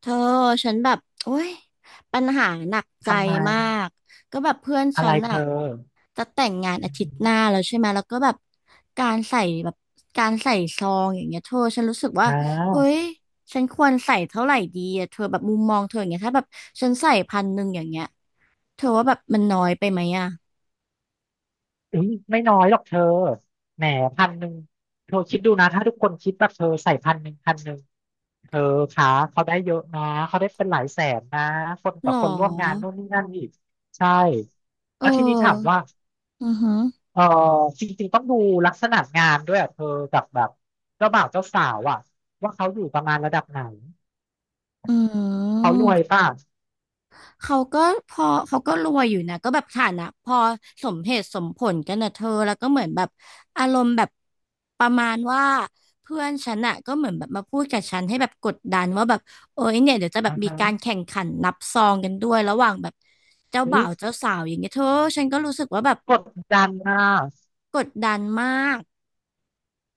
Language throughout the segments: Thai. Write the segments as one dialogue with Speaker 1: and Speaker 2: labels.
Speaker 1: เธอฉันแบบโอ้ยปัญหาหนักใจ
Speaker 2: ทำไม
Speaker 1: มากก็แบบเพื่อน
Speaker 2: อะ
Speaker 1: ฉั
Speaker 2: ไร
Speaker 1: น
Speaker 2: เธ
Speaker 1: อะ
Speaker 2: อ
Speaker 1: จะแต่งงานอา
Speaker 2: อือ
Speaker 1: ทิต
Speaker 2: หือ
Speaker 1: ย์หน้าแล้วใช่ไหมแล้วก็แบบการใส่ซองอย่างเงี้ยเธอฉันรู้สึกว่า
Speaker 2: อ่
Speaker 1: เอ้
Speaker 2: า
Speaker 1: ยฉันควรใส่เท่าไหร่ดีอะเธอแบบมุมมองเธออย่างเงี้ยถ้าแบบฉันใส่พันหนึ่งอย่างเงี้ยเธอว่าแบบมันน้อยไปไหมอะ
Speaker 2: อุ้ยไม่น้อยหรอกเธอแหมพันหนึ่งเธอคิดดูนะถ้าทุกคนคิดแบบเธอใส่พันหนึ่งพันหนึ่งเธอคะเขาได้เยอะนะเขาได้เป็นหลายแสนนะคน
Speaker 1: หร
Speaker 2: กับคนร่วมงาน
Speaker 1: อ
Speaker 2: นู่นนี่นั่นอีกใช่
Speaker 1: เอ
Speaker 2: แล้วทีนี้ถาม
Speaker 1: อ
Speaker 2: ว่า
Speaker 1: อือหือ
Speaker 2: เออจริงๆต้องดูลักษณะงานด้วยอ่ะเธอกับแบบเจ้าบ่าวเจ้าสาวอ่ะว่าเขาอยู่ประมาณระดับไหน
Speaker 1: อื
Speaker 2: เขารวย
Speaker 1: ม
Speaker 2: ป่ะ
Speaker 1: เขาก็พอเขาก็รวยอยู่นะก็แบบฐานะพอสมเหตุสมผลกันนะเธอแล้วก็เหมือนแบบอารมณ์แบบประมาณว่าเพื่อนฉันอะก็เหมือนแบบมาพูดกับฉันให้แบบกดดันว่าแบบเอ้ยเนี่ยเดี๋ยวจะแบ
Speaker 2: อ่า
Speaker 1: บมี
Speaker 2: ฮะ
Speaker 1: การแข่งขันนับซองกันด้วยระหว่างแบบเจ้า
Speaker 2: เฮ้
Speaker 1: บ่า
Speaker 2: ย
Speaker 1: วเจ้าสาวอย่างเงี้ยเธอฉันก็รู้สึกว่าแบบ
Speaker 2: กดดันนะ
Speaker 1: กดดันมาก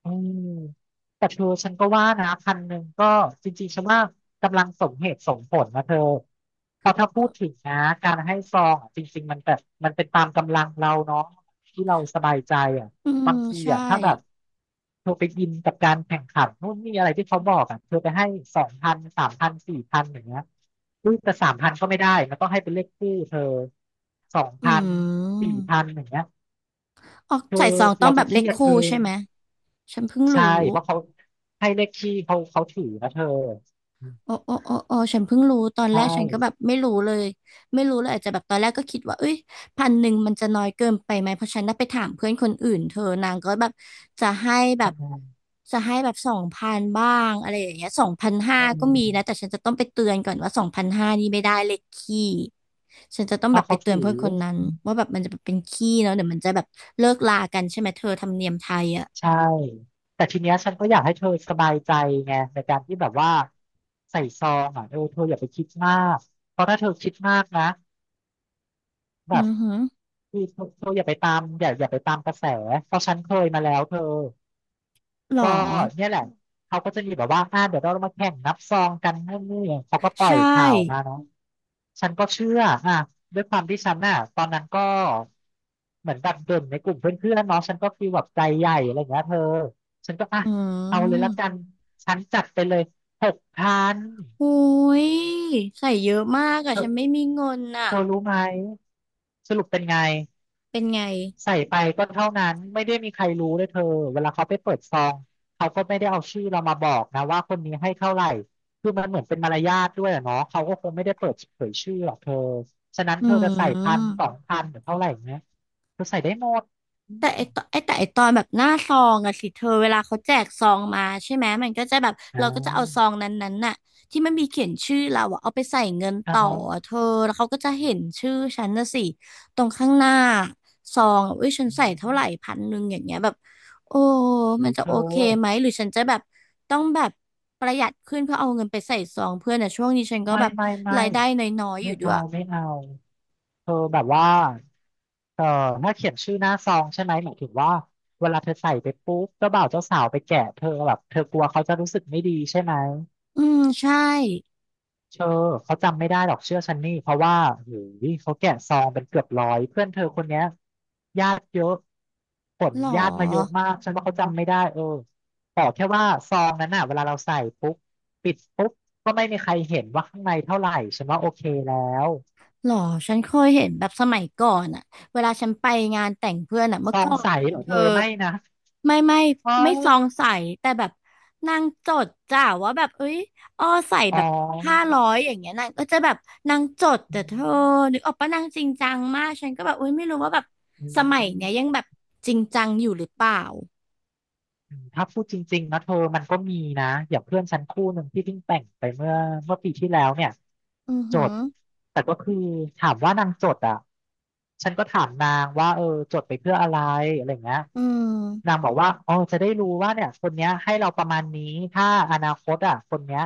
Speaker 2: เออแต่เธอฉันก็ว่านะพันหนึ่งก็จริงๆฉันว่ากำลังสมเหตุสมผลนะเธอเพราะถ้าพูดถึงนะการให้ซองอะจริงๆมันแบบมันเป็นตามกำลังเราเนาะที่เราสบายใจอ่ะ
Speaker 1: อืม
Speaker 2: บางที
Speaker 1: ใช่
Speaker 2: อ่ะถ้าแบบเธอไปอินกับการแข่งขันนู่นนี่อะไรที่เขาบอกอ่ะเธอไปให้สองพันสามพันสี่พันอย่างเงี้ยอุ้ยแต่สามพันก็ไม่ได้มันต้องให้เป็นเลขคู่เธอสอง
Speaker 1: อื
Speaker 2: พันสี่
Speaker 1: ม
Speaker 2: พันอย่างเงี้ย
Speaker 1: อ๋อ
Speaker 2: คือ
Speaker 1: ใส่ซองต้อ
Speaker 2: เรา
Speaker 1: งแบ
Speaker 2: จะ
Speaker 1: บ
Speaker 2: เค
Speaker 1: เล
Speaker 2: รี
Speaker 1: ข
Speaker 2: ยด
Speaker 1: คู่
Speaker 2: เอง
Speaker 1: ใช่ไหมฉันเพิ่ง
Speaker 2: ใช่
Speaker 1: รู้
Speaker 2: เพราะเขาให้เลขที่เขาเขาถือนะเธอ
Speaker 1: อ๋ออ๋ออ๋ออ๋อฉันเพิ่งรู้ตอนแร
Speaker 2: ใช่
Speaker 1: กฉันก็แบบไม่รู้เลยไม่รู้เลยอาจจะแบบตอนแรกก็คิดว่าเอ้ยพันหนึ่งมันจะน้อยเกินไปไหมเพราะฉันน่ะไปถามเพื่อนคนอื่นเธอนางก็แบบจะให้แบบ
Speaker 2: ทำงาน
Speaker 1: จะให้แบบสองพันบ้างอะไรอย่างเงี้ยสองพันห้า
Speaker 2: เอ
Speaker 1: ก็มีนะ
Speaker 2: อ
Speaker 1: แต่ฉันจะต้องไปเตือนก่อนว่าสองพันห้านี่ไม่ได้เลยขี้ฉันจะต้อง
Speaker 2: เพ
Speaker 1: แบ
Speaker 2: ราะ
Speaker 1: บไป
Speaker 2: เขา
Speaker 1: เตือ
Speaker 2: ถื
Speaker 1: นเพื่อน
Speaker 2: อ
Speaker 1: คนนั้นว่าแบบมันจะเป็นขี้เนาะเดี๋ยวมันจะแบบเลิกลากันใช่ไหมเธอธรรมเนียมไทยอ่ะ
Speaker 2: ใช่แต่ทีเนี้ยฉันก็อยากให้เธอสบายใจไงในการที่แบบว่าใส่ซองอ่ะเออเธออย่าไปคิดมากเพราะถ้าเธอคิดมากนะแบ
Speaker 1: อื
Speaker 2: บ
Speaker 1: อหือ
Speaker 2: คือเธออย่าไปตามอย่าไปตามกระแสเพราะฉันเคยมาแล้วเธอ
Speaker 1: หรอ
Speaker 2: ก็เนี่ยแหละเขาก็จะมีแบบว่าเดี๋ยวเรามาแข่งนับซองกันนู่นนี่เขาก็ปล่
Speaker 1: ใช
Speaker 2: อยข่าวมา
Speaker 1: ่
Speaker 2: เนาะ ฉันก็เชื่ออ่ะด้วยความที่ฉันน่ะตอนนั้นก็เหมือนแบบเด่นในกลุ่มเพื่อนๆเนาะฉันก็ฟีลแบบใจใหญ่อะไรอย่างเงี้ยเธอฉันก็อ่ะ
Speaker 1: อื
Speaker 2: เอาเลยละกัน
Speaker 1: ม
Speaker 2: ฉันจัดไปเลยหกพัน
Speaker 1: โอ้ยใส่เยอะมากอะ
Speaker 2: เธอ
Speaker 1: ฉันไม่มีเงินอะ
Speaker 2: เธอรู้ไหมสรุปเป็นไง
Speaker 1: เป็นไง
Speaker 2: ใส่ไปก็เท่านั้นไม่ได้มีใครรู้เลยเธอเวลาเขาไปเปิดซองเขาก็ไม่ได้เอาชื่อเรามาบอกนะว่าคนนี้ให้เท่าไหร่คือมันเหมือนเป็นมารยาทด้วยอะเนาะเขาก็คงไม่ได้เปิดเผยชื่อหรอกเธอฉะนั้น
Speaker 1: อื
Speaker 2: เธอจะใส่พันสอง
Speaker 1: ม
Speaker 2: พันหรือเท่าไหร่เนี้ยเธอใส่ได้หมดอื
Speaker 1: แต่ไอต
Speaker 2: ม
Speaker 1: อนไอแต่ไอตอนแบบหน้าซองอะสิเธอเวลาเขาแจกซองมาใช่ไหมมันก็จะแบบ
Speaker 2: อ่
Speaker 1: เราก็จะเอาซอ
Speaker 2: า
Speaker 1: งนั้นๆน่ะที่มันมีเขียนชื่อเราอะเอาไปใส่เงิน
Speaker 2: อ่า
Speaker 1: ต่อ
Speaker 2: ฮะ
Speaker 1: อะเธอแล้วเขาก็จะเห็นชื่อฉันนะสิตรงข้างหน้าซองอะอุ้ยฉัน
Speaker 2: อื
Speaker 1: ใส่เท่าไหร่
Speaker 2: ม
Speaker 1: พันหนึ่งอย่างเงี้ยแบบโอ้
Speaker 2: เฮ้
Speaker 1: มัน
Speaker 2: ย
Speaker 1: จะ
Speaker 2: เธ
Speaker 1: โอ
Speaker 2: อ
Speaker 1: เคไหมหรือฉันจะแบบต้องแบบประหยัดขึ้นเพื่อเอาเงินไปใส่ซองเพื่อนอะช่วงนี้ฉันก็
Speaker 2: ไม่
Speaker 1: แบบ
Speaker 2: ไม่ไม่
Speaker 1: รายได้น้อยๆอ
Speaker 2: ไม่
Speaker 1: ยู่ด้ว
Speaker 2: เอา
Speaker 1: ย
Speaker 2: ไม่เอาเธอแบบว่า เออถ้าเขียนชื่อหน้าซองใช่ไหมหมายถึงว่าเวลาเธอใส่ไปปุ๊บเจ้าบ่าวเจ้าสาวไปแกะเธอแบบเธอกลัวเขาจะรู้สึกไม่ดีใช่ไหม
Speaker 1: อืมใช่
Speaker 2: เธอเขาจำไม่ได้หรอกเชื่อฉันนี่เพราะว่าโอ้ยเขาแกะซองเป็นเกือบร้อยเพื่อนเธอคนเนี้ยญาติเยอะผล
Speaker 1: หรอ
Speaker 2: ญาติมาเยอะมากฉันว่าเขาจำไม่ได้เออขอแค่ว่าซองนั้นน่ะเวลาเราใส่ปุ๊บปิดปุ๊บก็ไม่มีใครเห็นว่าข้างในเท่าไหร่ฉันว่าโอเคแล้ว
Speaker 1: หรอฉันเคยเห็นแบบสมัยก่อนอะเวลาฉันไปงานแต่งเพื่อนอะเมื่
Speaker 2: ซ
Speaker 1: อ
Speaker 2: อ
Speaker 1: ก่
Speaker 2: ง
Speaker 1: อน
Speaker 2: ใส
Speaker 1: เลย
Speaker 2: เห
Speaker 1: นะ
Speaker 2: รอ
Speaker 1: เธ
Speaker 2: เธ
Speaker 1: อ
Speaker 2: อไม่นะ
Speaker 1: ไม่ไม่
Speaker 2: อ๋อ
Speaker 1: ไม่ซองใสแต่แบบนางจดจ้าว่าแบบเอ้ยอ้อใส่
Speaker 2: อ๋อ
Speaker 1: แบบ500อย่างเงี้ยนางก็จะแบบนางจดแต่เธอนึกออกปะนางจริงจังมากฉันก็แบบเอ้ยไม่รู้ว่าแบบส
Speaker 2: อื
Speaker 1: มัยเนี้ยยั
Speaker 2: ม
Speaker 1: งแบบจริงจังอยู่หรือเปล่า
Speaker 2: ถ้าพูดจริงๆนะเธอมันก็มีนะอย่างเพื่อนฉันคู่หนึ่งที่เพิ่งแต่งไปเมื่อปีที่แล้วเนี่ย
Speaker 1: อือ
Speaker 2: จ
Speaker 1: หือ
Speaker 2: ดแต่ก็คือถามว่านางจดอ่ะฉันก็ถามนางว่าเออจดไปเพื่ออะไรอะไรอย่างเงี้ย
Speaker 1: อื
Speaker 2: นาง
Speaker 1: ม
Speaker 2: บอกว่าอ๋อจะได้รู้ว่าเนี่ยคนเนี้ยให้เราประมาณนี้ถ้าอนาคตอ่ะคนเนี้ย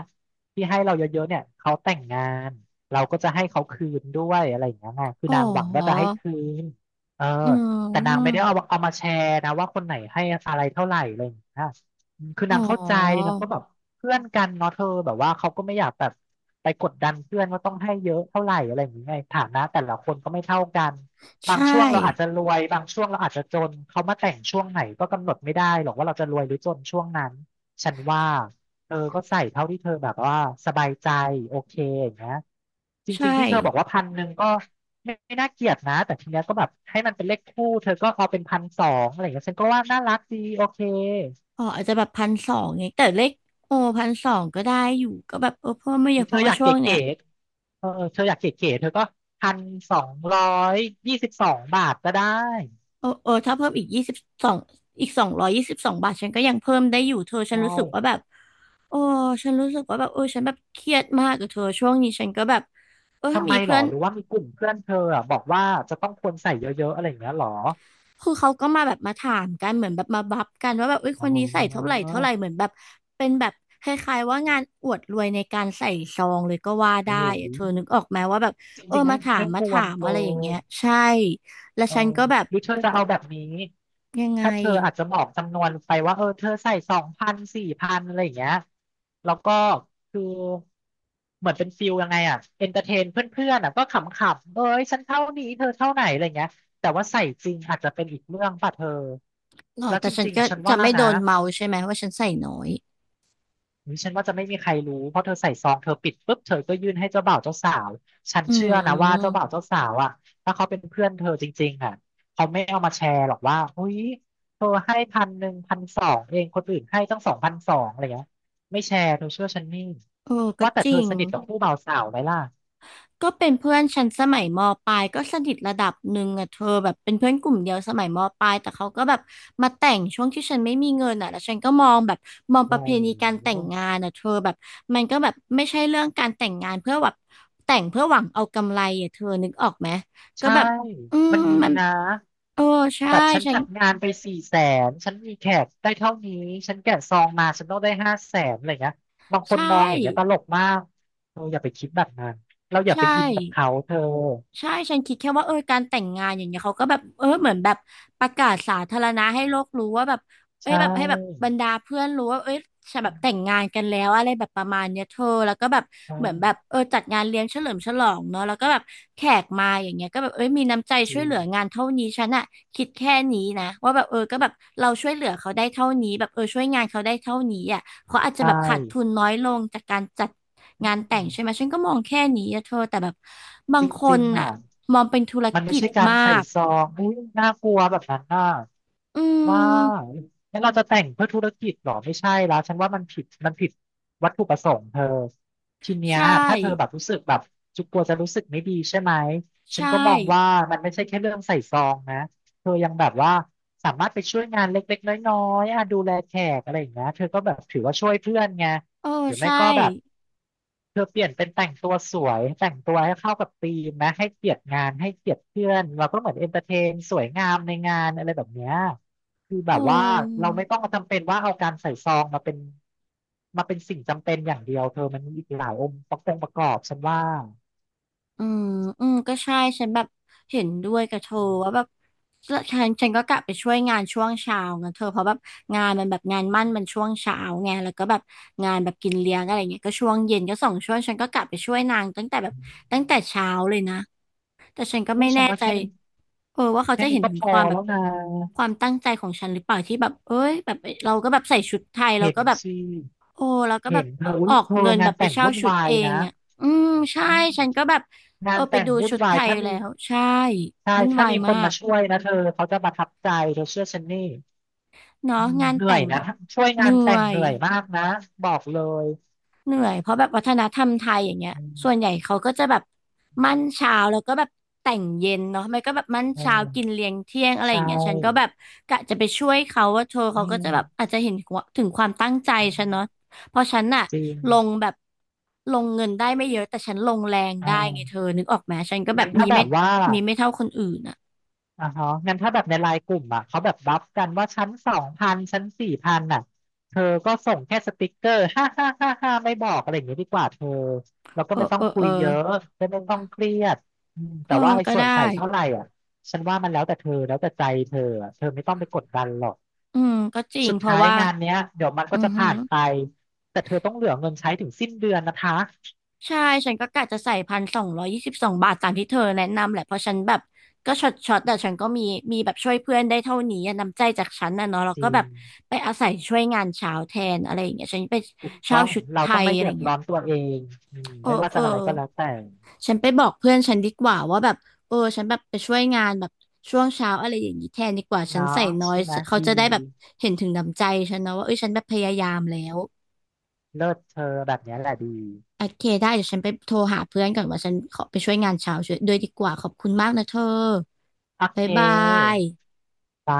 Speaker 2: ที่ให้เราเยอะๆเนี่ยเขาแต่งงานเราก็จะให้เขาคืนด้วยอะไรอย่างเงี้ยไงคือ
Speaker 1: อ๋
Speaker 2: นางหวังว่าจะ
Speaker 1: อ
Speaker 2: ให้คืนเออ
Speaker 1: อื
Speaker 2: แต่นางไม่ได้เอา
Speaker 1: ม
Speaker 2: เอามาแชร์นะว่าคนไหนให้อะไรเท่าไหร่อะไรอย่างเงี้ยอืมคือ
Speaker 1: อ๋อ
Speaker 2: นางเข้าใจนางก็แบบเพื่อนกันเนาะเธอแบบว่าเขาก็ไม่อยากแบบไปกดดันเพื่อนว่าต้องให้เยอะเท่าไหร่อะไรอย่างเงี้ยฐานะแต่ละคนก็ไม่เท่ากันบา
Speaker 1: ใช่
Speaker 2: งช่วงเราอาจจะรวยบางช่วงเราอาจจะจนเขามาแต่งช่วงไหนก็กำหนดไม่ได้หรอกว่าเราจะรวยหรือจนช่วงนั้นฉันว่าเธอก็ใส่เท่าที่เธอแบบว่าสบายใจโอเคอย่างเงี้ยจ
Speaker 1: ใช่
Speaker 2: ริงๆที่เธอบอกว่าพันหนึ่งก็ ไม่ไม่น่าเกลียดนะแต่ทีเนี้ยก็แบบให้มันเป็นเลขคู่เธอก็เอาเป็นพันสองอะไรอย่างเงี้ยฉันก็ว่าน่ารักดีโอเค
Speaker 1: อ๋ออาจจะแบบพันสองเนี่ยแต่เลขโอพันสองก็ได้อยู่ก็แบบเออเพิ่มไม่
Speaker 2: ห
Speaker 1: เย
Speaker 2: รื
Speaker 1: อะ
Speaker 2: อ
Speaker 1: เพ
Speaker 2: เธอ
Speaker 1: ราะ
Speaker 2: อ
Speaker 1: ว่า
Speaker 2: ยาก
Speaker 1: ช่
Speaker 2: เก
Speaker 1: วงเนี้
Speaker 2: ๋
Speaker 1: ย
Speaker 2: ๆเออเธออยากเก๋ๆเธอก็1,222 บาทก็ได้
Speaker 1: เออเออถ้าเพิ่มสองอีก222 บาทฉันก็ยังเพิ่มได้อยู่เธอฉัน
Speaker 2: ใช่
Speaker 1: รู้สึกว่าแบบโอ้ฉันรู้สึกว่าแบบเออฉันแบบเครียดมากกับเธอช่วงนี้ฉันก็แบบเออ
Speaker 2: ทำ
Speaker 1: มี
Speaker 2: ไมหร
Speaker 1: เพื่
Speaker 2: อ
Speaker 1: อน
Speaker 2: หรือว่ามีกลุ่มเพื่อนเธออะบอกว่าจะต้องควรใส่เยอะๆอะไรอย่างเงี้ยหรอ
Speaker 1: คือเขาก็มาแบบมาถามกันเหมือนแบบมาบัฟกันว่าแบบเอ้ยค
Speaker 2: อ๋
Speaker 1: นนี้ใส่เท่าไหร่
Speaker 2: อ
Speaker 1: เท่าไหร่เหมือนแบบเป็นแบบคล้ายๆว่างานอวดรวยในการใส่ซองเลยก็ว่าได้
Speaker 2: โอ้โห
Speaker 1: อะเธอนึกออกไหมว่าแบบ
Speaker 2: จ
Speaker 1: เออ
Speaker 2: ริงๆไม่
Speaker 1: มาถาม
Speaker 2: ไม่ค
Speaker 1: มา
Speaker 2: ว
Speaker 1: ถา
Speaker 2: ร
Speaker 1: ม
Speaker 2: เธอ
Speaker 1: อะไรอย่างเงี้ยใช่แล้ว
Speaker 2: เออ
Speaker 1: ฉันก็แบบ
Speaker 2: หรือเธอจะเอาแบบนี้
Speaker 1: ยังไง
Speaker 2: ถ้าเธออาจจะบอกจำนวนไปว่าเออเธอใส่สองพันสี่พันอะไรอย่างเงี้ยแล้วก็คือเหมือนเป็นฟิลยังไงอ่ะ เอนเตอร์เทนเพื่อนๆอ่ะก็ขำๆเอ้ยฉันเท่านี้เธอเท่าไหนอะไรเงี้ยแต่ว่าใส่จริงอาจจะเป็นอีกเรื่องป่ะเธอ
Speaker 1: หรอ
Speaker 2: แล้ว
Speaker 1: แต่
Speaker 2: จ
Speaker 1: ฉัน
Speaker 2: ริง
Speaker 1: ก็
Speaker 2: ๆฉัน
Speaker 1: จะ
Speaker 2: ว่า
Speaker 1: ไม่โด
Speaker 2: นะ
Speaker 1: นเมาใช่ไหมว่าฉันใส่น้อย
Speaker 2: อุ๊ยฉันว่าจะไม่มีใครรู้เพราะเธอใส่ซองเธอปิดปุ๊บเธอก็ยื่นให้เจ้าบ่าวเจ้าสาวฉัน
Speaker 1: อื
Speaker 2: เชื่อนะว่าเจ้า
Speaker 1: ม
Speaker 2: บ่าวเจ้าสาวอ่ะถ้าเขาเป็นเพื่อนเธอจริงๆอ่ะเขาไม่เอามาแชร์หรอกว่าเฮ้ยเธอให้พันหนึ่งพันสองเองคนอื่นให้ตั้ง2,200อะไรเงี้ยไม่แชร์เธอเชื่อฉันนี่
Speaker 1: เออก็
Speaker 2: ว่าแต่
Speaker 1: จ
Speaker 2: เธ
Speaker 1: ริ
Speaker 2: อ
Speaker 1: ง
Speaker 2: สนิทกับคู่บ่าวสาวไหมล่ะ
Speaker 1: ก็เป็นเพื่อนฉันสมัยมปลายก็สนิทระดับหนึ่งอะเธอแบบเป็นเพื่อนกลุ่มเดียวสมัยมปลายแต่เขาก็แบบมาแต่งช่วงที่ฉันไม่มีเงินอะแล้วฉันก็มองแบบมองป
Speaker 2: โอ้
Speaker 1: ระเพณีการแต่งงา
Speaker 2: โห
Speaker 1: นอะเธอแบบมันก็แบบไม่ใช่เรื่องการแต่งงานเพื่อแบบแต่งเพื่อหวังเอากำไรอะเธอนึกออกไหมก็
Speaker 2: ใช่
Speaker 1: แบบอืม
Speaker 2: มันมี
Speaker 1: มัน
Speaker 2: นะ
Speaker 1: เออใช่
Speaker 2: แบบฉัน
Speaker 1: ฉั
Speaker 2: จั
Speaker 1: น
Speaker 2: ดงานไป400,000 ฉันมีแขกได้เท่านี้ ฉันแกะซองมา ฉันต้องได้500,000อะไรเงี้ยบางคน
Speaker 1: ใช่
Speaker 2: มองอย่างเงี้ยตลกมากเธออย่าไปคิดแบบนั้นเราอย่า
Speaker 1: ใช่
Speaker 2: ไปอินกับเขาเธอ
Speaker 1: ใช่ฉันคิดแค่ว่าเออการแต่งงานอย่างเงี้ยเขาก็แบบเออเหมือนแบบประกาศสาธารณะให้โลกรู้ว่าแบบเอ้
Speaker 2: ใช
Speaker 1: ยแบบให้แบบ
Speaker 2: ่
Speaker 1: บรรดาเพื่อนรู้ว่าเอ้ยฉันแบบแต่งงานกันแล้วอะไรแบบประมาณเนี้ยเธอแล้วก็แบบเหมือนแบ
Speaker 2: ใช่
Speaker 1: บเออจัดงานเลี้ยงเฉลิมฉลองเนาะแล้วก็แบบแขกมาอย่างเงี้ยก็แบบเอ้ยมีน้ำใจ
Speaker 2: จ
Speaker 1: ช่
Speaker 2: ริ
Speaker 1: วยเหลือ
Speaker 2: ง
Speaker 1: งานเท่านี้ฉันอะคิดแค่นี้นะว่าแบบเออก็แบบเราช่วยเหลือเขาได้เท่านี้แบบเออช่วยงานเขาได้เท่านี้อะ เขาอาจจะ
Speaker 2: ใช่
Speaker 1: แบบขาดทุนน้อยลงจากการจัด
Speaker 2: อื
Speaker 1: งานแต่งใช่
Speaker 2: ม
Speaker 1: ไหมฉันก็มองแค่นี้อะเธอแต่แบบบา
Speaker 2: จ
Speaker 1: งค
Speaker 2: ริ
Speaker 1: น
Speaker 2: งๆ
Speaker 1: อะ
Speaker 2: อ่ะ
Speaker 1: มองเป็นธุร
Speaker 2: มันไม่
Speaker 1: กิจ
Speaker 2: ใช่การ
Speaker 1: มา
Speaker 2: ใส่
Speaker 1: ก
Speaker 2: ซองอุ้ยน่ากลัวแบบนั้นอ่ะ
Speaker 1: อื
Speaker 2: ว่า
Speaker 1: ม
Speaker 2: งั้นเราจะแต่งเพื่อธุรกิจเหรอไม่ใช่แล้วฉันว่ามันผิดมันผิดวัตถุประสงค์เธอทีเนี้ย
Speaker 1: ใช่
Speaker 2: ถ้าเธอแบบรู้สึกแบบจุกกลัวจะรู้สึกไม่ดีใช่ไหมฉัน
Speaker 1: ใช่
Speaker 2: ก็มองว่ามันไม่ใช่แค่เรื่องใส่ซองนะเธอยังแบบว่าสามารถไปช่วยงานเล็กๆน้อยๆอ่ะดูแลแขกอะไรอย่างเงี้ยเธอก็แบบถือว่าช่วยเพื่อนไง
Speaker 1: เออ
Speaker 2: หรือไม่
Speaker 1: ใช่
Speaker 2: ก็แบบ เธอเปลี่ยนเป็นแต่งตัวสวยแต่งตัวให้เข้ากับธีมนะให้เกียรติงานให้เกียรติเพื่อนเราก็เหมือนเอนเตอร์เทนสวยงามในงานอะไรแบบเนี้ยคือแบ
Speaker 1: เอ
Speaker 2: บว่าเราไม่ต้อง
Speaker 1: อ
Speaker 2: มาจำเป็นว่าเอาการใส่ซองมาเป็นมาเป็นสิ่งจำเป็นอย่างเดียวเธอมันมีอีกหลายองค์ประกอบประกอบฉันว่า
Speaker 1: อืม อืม ก็ใช่ ฉันแบบเห็นด้วยกับเธอว่าแบบฉฉันก็กลับไปช่วยงานช่วงเช้านะเธอเพราะแบบงานมันแบบงานมั่นมันช่วงเช้าไงแล้วก็แบบงานแบบกินเลี้ยงอะไรเงี้ยก็ช่วงเย็นก็สองช่วงฉันก็กลับไปช่วยนางตั้งแต่แบบตั้งแต่เช้าเลยนะแต่ฉันก็
Speaker 2: อู้
Speaker 1: ไม่
Speaker 2: ฉั
Speaker 1: แน่
Speaker 2: นว่า
Speaker 1: ใจ
Speaker 2: แค่นี้
Speaker 1: เออว่าเขา
Speaker 2: แค่
Speaker 1: จะเห็
Speaker 2: นี้
Speaker 1: น
Speaker 2: ก็
Speaker 1: ถึง
Speaker 2: พอ
Speaker 1: ความแบ
Speaker 2: แล้
Speaker 1: บ
Speaker 2: วนะ
Speaker 1: ความตั้งใจของฉันหรือเปล่าที่แบบเอ้ยแบบเราก็แบบใส่ชุดไทยเรา
Speaker 2: เห็น
Speaker 1: ก็แบบ
Speaker 2: สิ
Speaker 1: โอ้เราก็แบ
Speaker 2: เห็
Speaker 1: บ
Speaker 2: นเธออุ้
Speaker 1: อ
Speaker 2: ย
Speaker 1: อก
Speaker 2: เธอ
Speaker 1: เงินแบ
Speaker 2: งาน
Speaker 1: บไป
Speaker 2: แต่ง
Speaker 1: เช่า
Speaker 2: วุ่น
Speaker 1: ชุด
Speaker 2: วาย
Speaker 1: เอ
Speaker 2: นะ
Speaker 1: งอ่ะอืมใช่
Speaker 2: อืม
Speaker 1: ฉันก็แบบ
Speaker 2: งา
Speaker 1: เออ
Speaker 2: น
Speaker 1: ไป
Speaker 2: แต่ง
Speaker 1: ดู
Speaker 2: วุ่น
Speaker 1: ชุด
Speaker 2: วา
Speaker 1: ไท
Speaker 2: ย
Speaker 1: ย
Speaker 2: ถ้ามี
Speaker 1: แล้วใช่
Speaker 2: ใช่
Speaker 1: วุ่น
Speaker 2: ถ้า
Speaker 1: วาย
Speaker 2: มีค
Speaker 1: มา
Speaker 2: นมา
Speaker 1: ก
Speaker 2: ช่วยนะเธอเขาจะประทับใจเธอเชื่อฉันนี่
Speaker 1: เนาะ
Speaker 2: อืม
Speaker 1: งาน
Speaker 2: เหนื่อ
Speaker 1: แต่
Speaker 2: ย
Speaker 1: งแบ
Speaker 2: นะ
Speaker 1: บ
Speaker 2: ช่วย
Speaker 1: เห
Speaker 2: งา
Speaker 1: นื่
Speaker 2: นแต่
Speaker 1: อ
Speaker 2: งเห
Speaker 1: ย
Speaker 2: นื่อยมากนะบอกเลย
Speaker 1: เหนื่อยเพราะแบบวัฒนธรรมไทยอย่างเงี้ย
Speaker 2: อืม
Speaker 1: ส่วนใหญ่เขาก็จะแบบมั่นเช้าแล้วก็แบบแต่งเย็นเนาะไม่ก็แบบมั่น
Speaker 2: เอ
Speaker 1: เช้า
Speaker 2: อ
Speaker 1: กินเลี้ยงเที่ยงอะไร
Speaker 2: ใช
Speaker 1: อย่างเงี้ยฉันก็แบ
Speaker 2: ่
Speaker 1: บกะจะไปช่วยเขาว่าเธอ
Speaker 2: อื
Speaker 1: เขาก็จะแบบอา
Speaker 2: ม
Speaker 1: จจะเห็นถึงความตั้งใจฉันเนาะเพราะฉันน่ะ
Speaker 2: จริ
Speaker 1: ลง
Speaker 2: ง
Speaker 1: แบบลงเงินได้ไม่เยอะแต่ฉันลงแรง
Speaker 2: อ
Speaker 1: ได้ไงเธ
Speaker 2: ่า
Speaker 1: อนึกออกไหมฉันก็แบ
Speaker 2: งั้
Speaker 1: บ
Speaker 2: น
Speaker 1: มี
Speaker 2: ถ้าแบ
Speaker 1: ไม่
Speaker 2: บว่า
Speaker 1: มีไม่เท่าคนอื่นอ่ะ
Speaker 2: อ่าฮะงั้นถ้าแบบในไลน์กลุ่มอ่ะเขาแบบบัฟกันว่าชั้นสองพันชั้น4,000อ่ะเธอก็ส่งแค่สติกเกอร์ห้าห้าห้าห้าไม่บอกอะไรอย่างเงี้ยดีกว่าเธอแล้วก็
Speaker 1: เออ
Speaker 2: ไม่ต้อ
Speaker 1: เอ
Speaker 2: ง
Speaker 1: อ
Speaker 2: คุ
Speaker 1: เอ
Speaker 2: ย
Speaker 1: อ
Speaker 2: เยอะไม่ต้องเครียดอืม
Speaker 1: เอ
Speaker 2: แต่
Speaker 1: อ
Speaker 2: ว่าไอ้
Speaker 1: ก็
Speaker 2: ส่วน
Speaker 1: ได้
Speaker 2: ใส่เท่าไหร่อ่ะฉันว่ามันแล้วแต่เธอแล้วแต่ใจเธออะเธอไม่ต้องไปกดดันหรอก
Speaker 1: อืมก็จริง
Speaker 2: สุด
Speaker 1: เพราะ
Speaker 2: ท้าย
Speaker 1: ว่า
Speaker 2: งานเนี้ยเดี๋ยวมันก็
Speaker 1: อือ
Speaker 2: จะ
Speaker 1: หื
Speaker 2: ผ่า
Speaker 1: อ
Speaker 2: นไปแต่เธอต้องเหลือเงินใช้ถึงสิ้นเดือนนะคะ
Speaker 1: ใช่ฉันก็กะจะใส่1,222 บาทตามที่เธอแนะนำแหละเพราะฉันแบบก็ช็อตแต่ฉันก็มีแบบช่วยเพื่อนได้เท่านี้อะน้ำใจจากฉันนะเนาะแล้ว
Speaker 2: จ
Speaker 1: ก็
Speaker 2: ริ
Speaker 1: แบ
Speaker 2: ง
Speaker 1: บไปอาศัยช่วยงานเช้าแทนอะไรอย่างเงี้ยฉันไป
Speaker 2: ถูกต้
Speaker 1: เช่า
Speaker 2: อง
Speaker 1: ชุด
Speaker 2: เรา
Speaker 1: ไท
Speaker 2: ต้อง
Speaker 1: ย
Speaker 2: ไม่
Speaker 1: อะ
Speaker 2: เดื
Speaker 1: ไรอ
Speaker 2: อด
Speaker 1: ย่างเงี้
Speaker 2: ร้
Speaker 1: ย
Speaker 2: อนตัวเองอืม
Speaker 1: เออ
Speaker 2: ไม่ว่า
Speaker 1: เอ
Speaker 2: จะ
Speaker 1: อ
Speaker 2: อะไรก็แล้วแต่
Speaker 1: ฉันไปบอกเพื่อนฉันดีกว่าว่าแบบเออฉันแบบไปช่วยงานแบบช่วงเช้าอะไรอย่างนี้แทนดีกว่าฉันใส่
Speaker 2: เนาะ
Speaker 1: น้อย
Speaker 2: ใช่ไหม
Speaker 1: เขา
Speaker 2: ดี
Speaker 1: จะได้แบบเห็นถึงน้ำใจฉันนะว่าเอ้ยฉันแบบพยายามแล้ว
Speaker 2: เลิศเธอแบบเนี้ยแหละดี
Speaker 1: โอเคได้เดี๋ยวฉันไปโทรหาเพื่อนก่อนว่าฉันขอไปช่วยงานเช้าช่วยด้วยดีกว่าขอบคุณมากนะเธอ
Speaker 2: โอเค
Speaker 1: บ๊ายบาย
Speaker 2: จ้า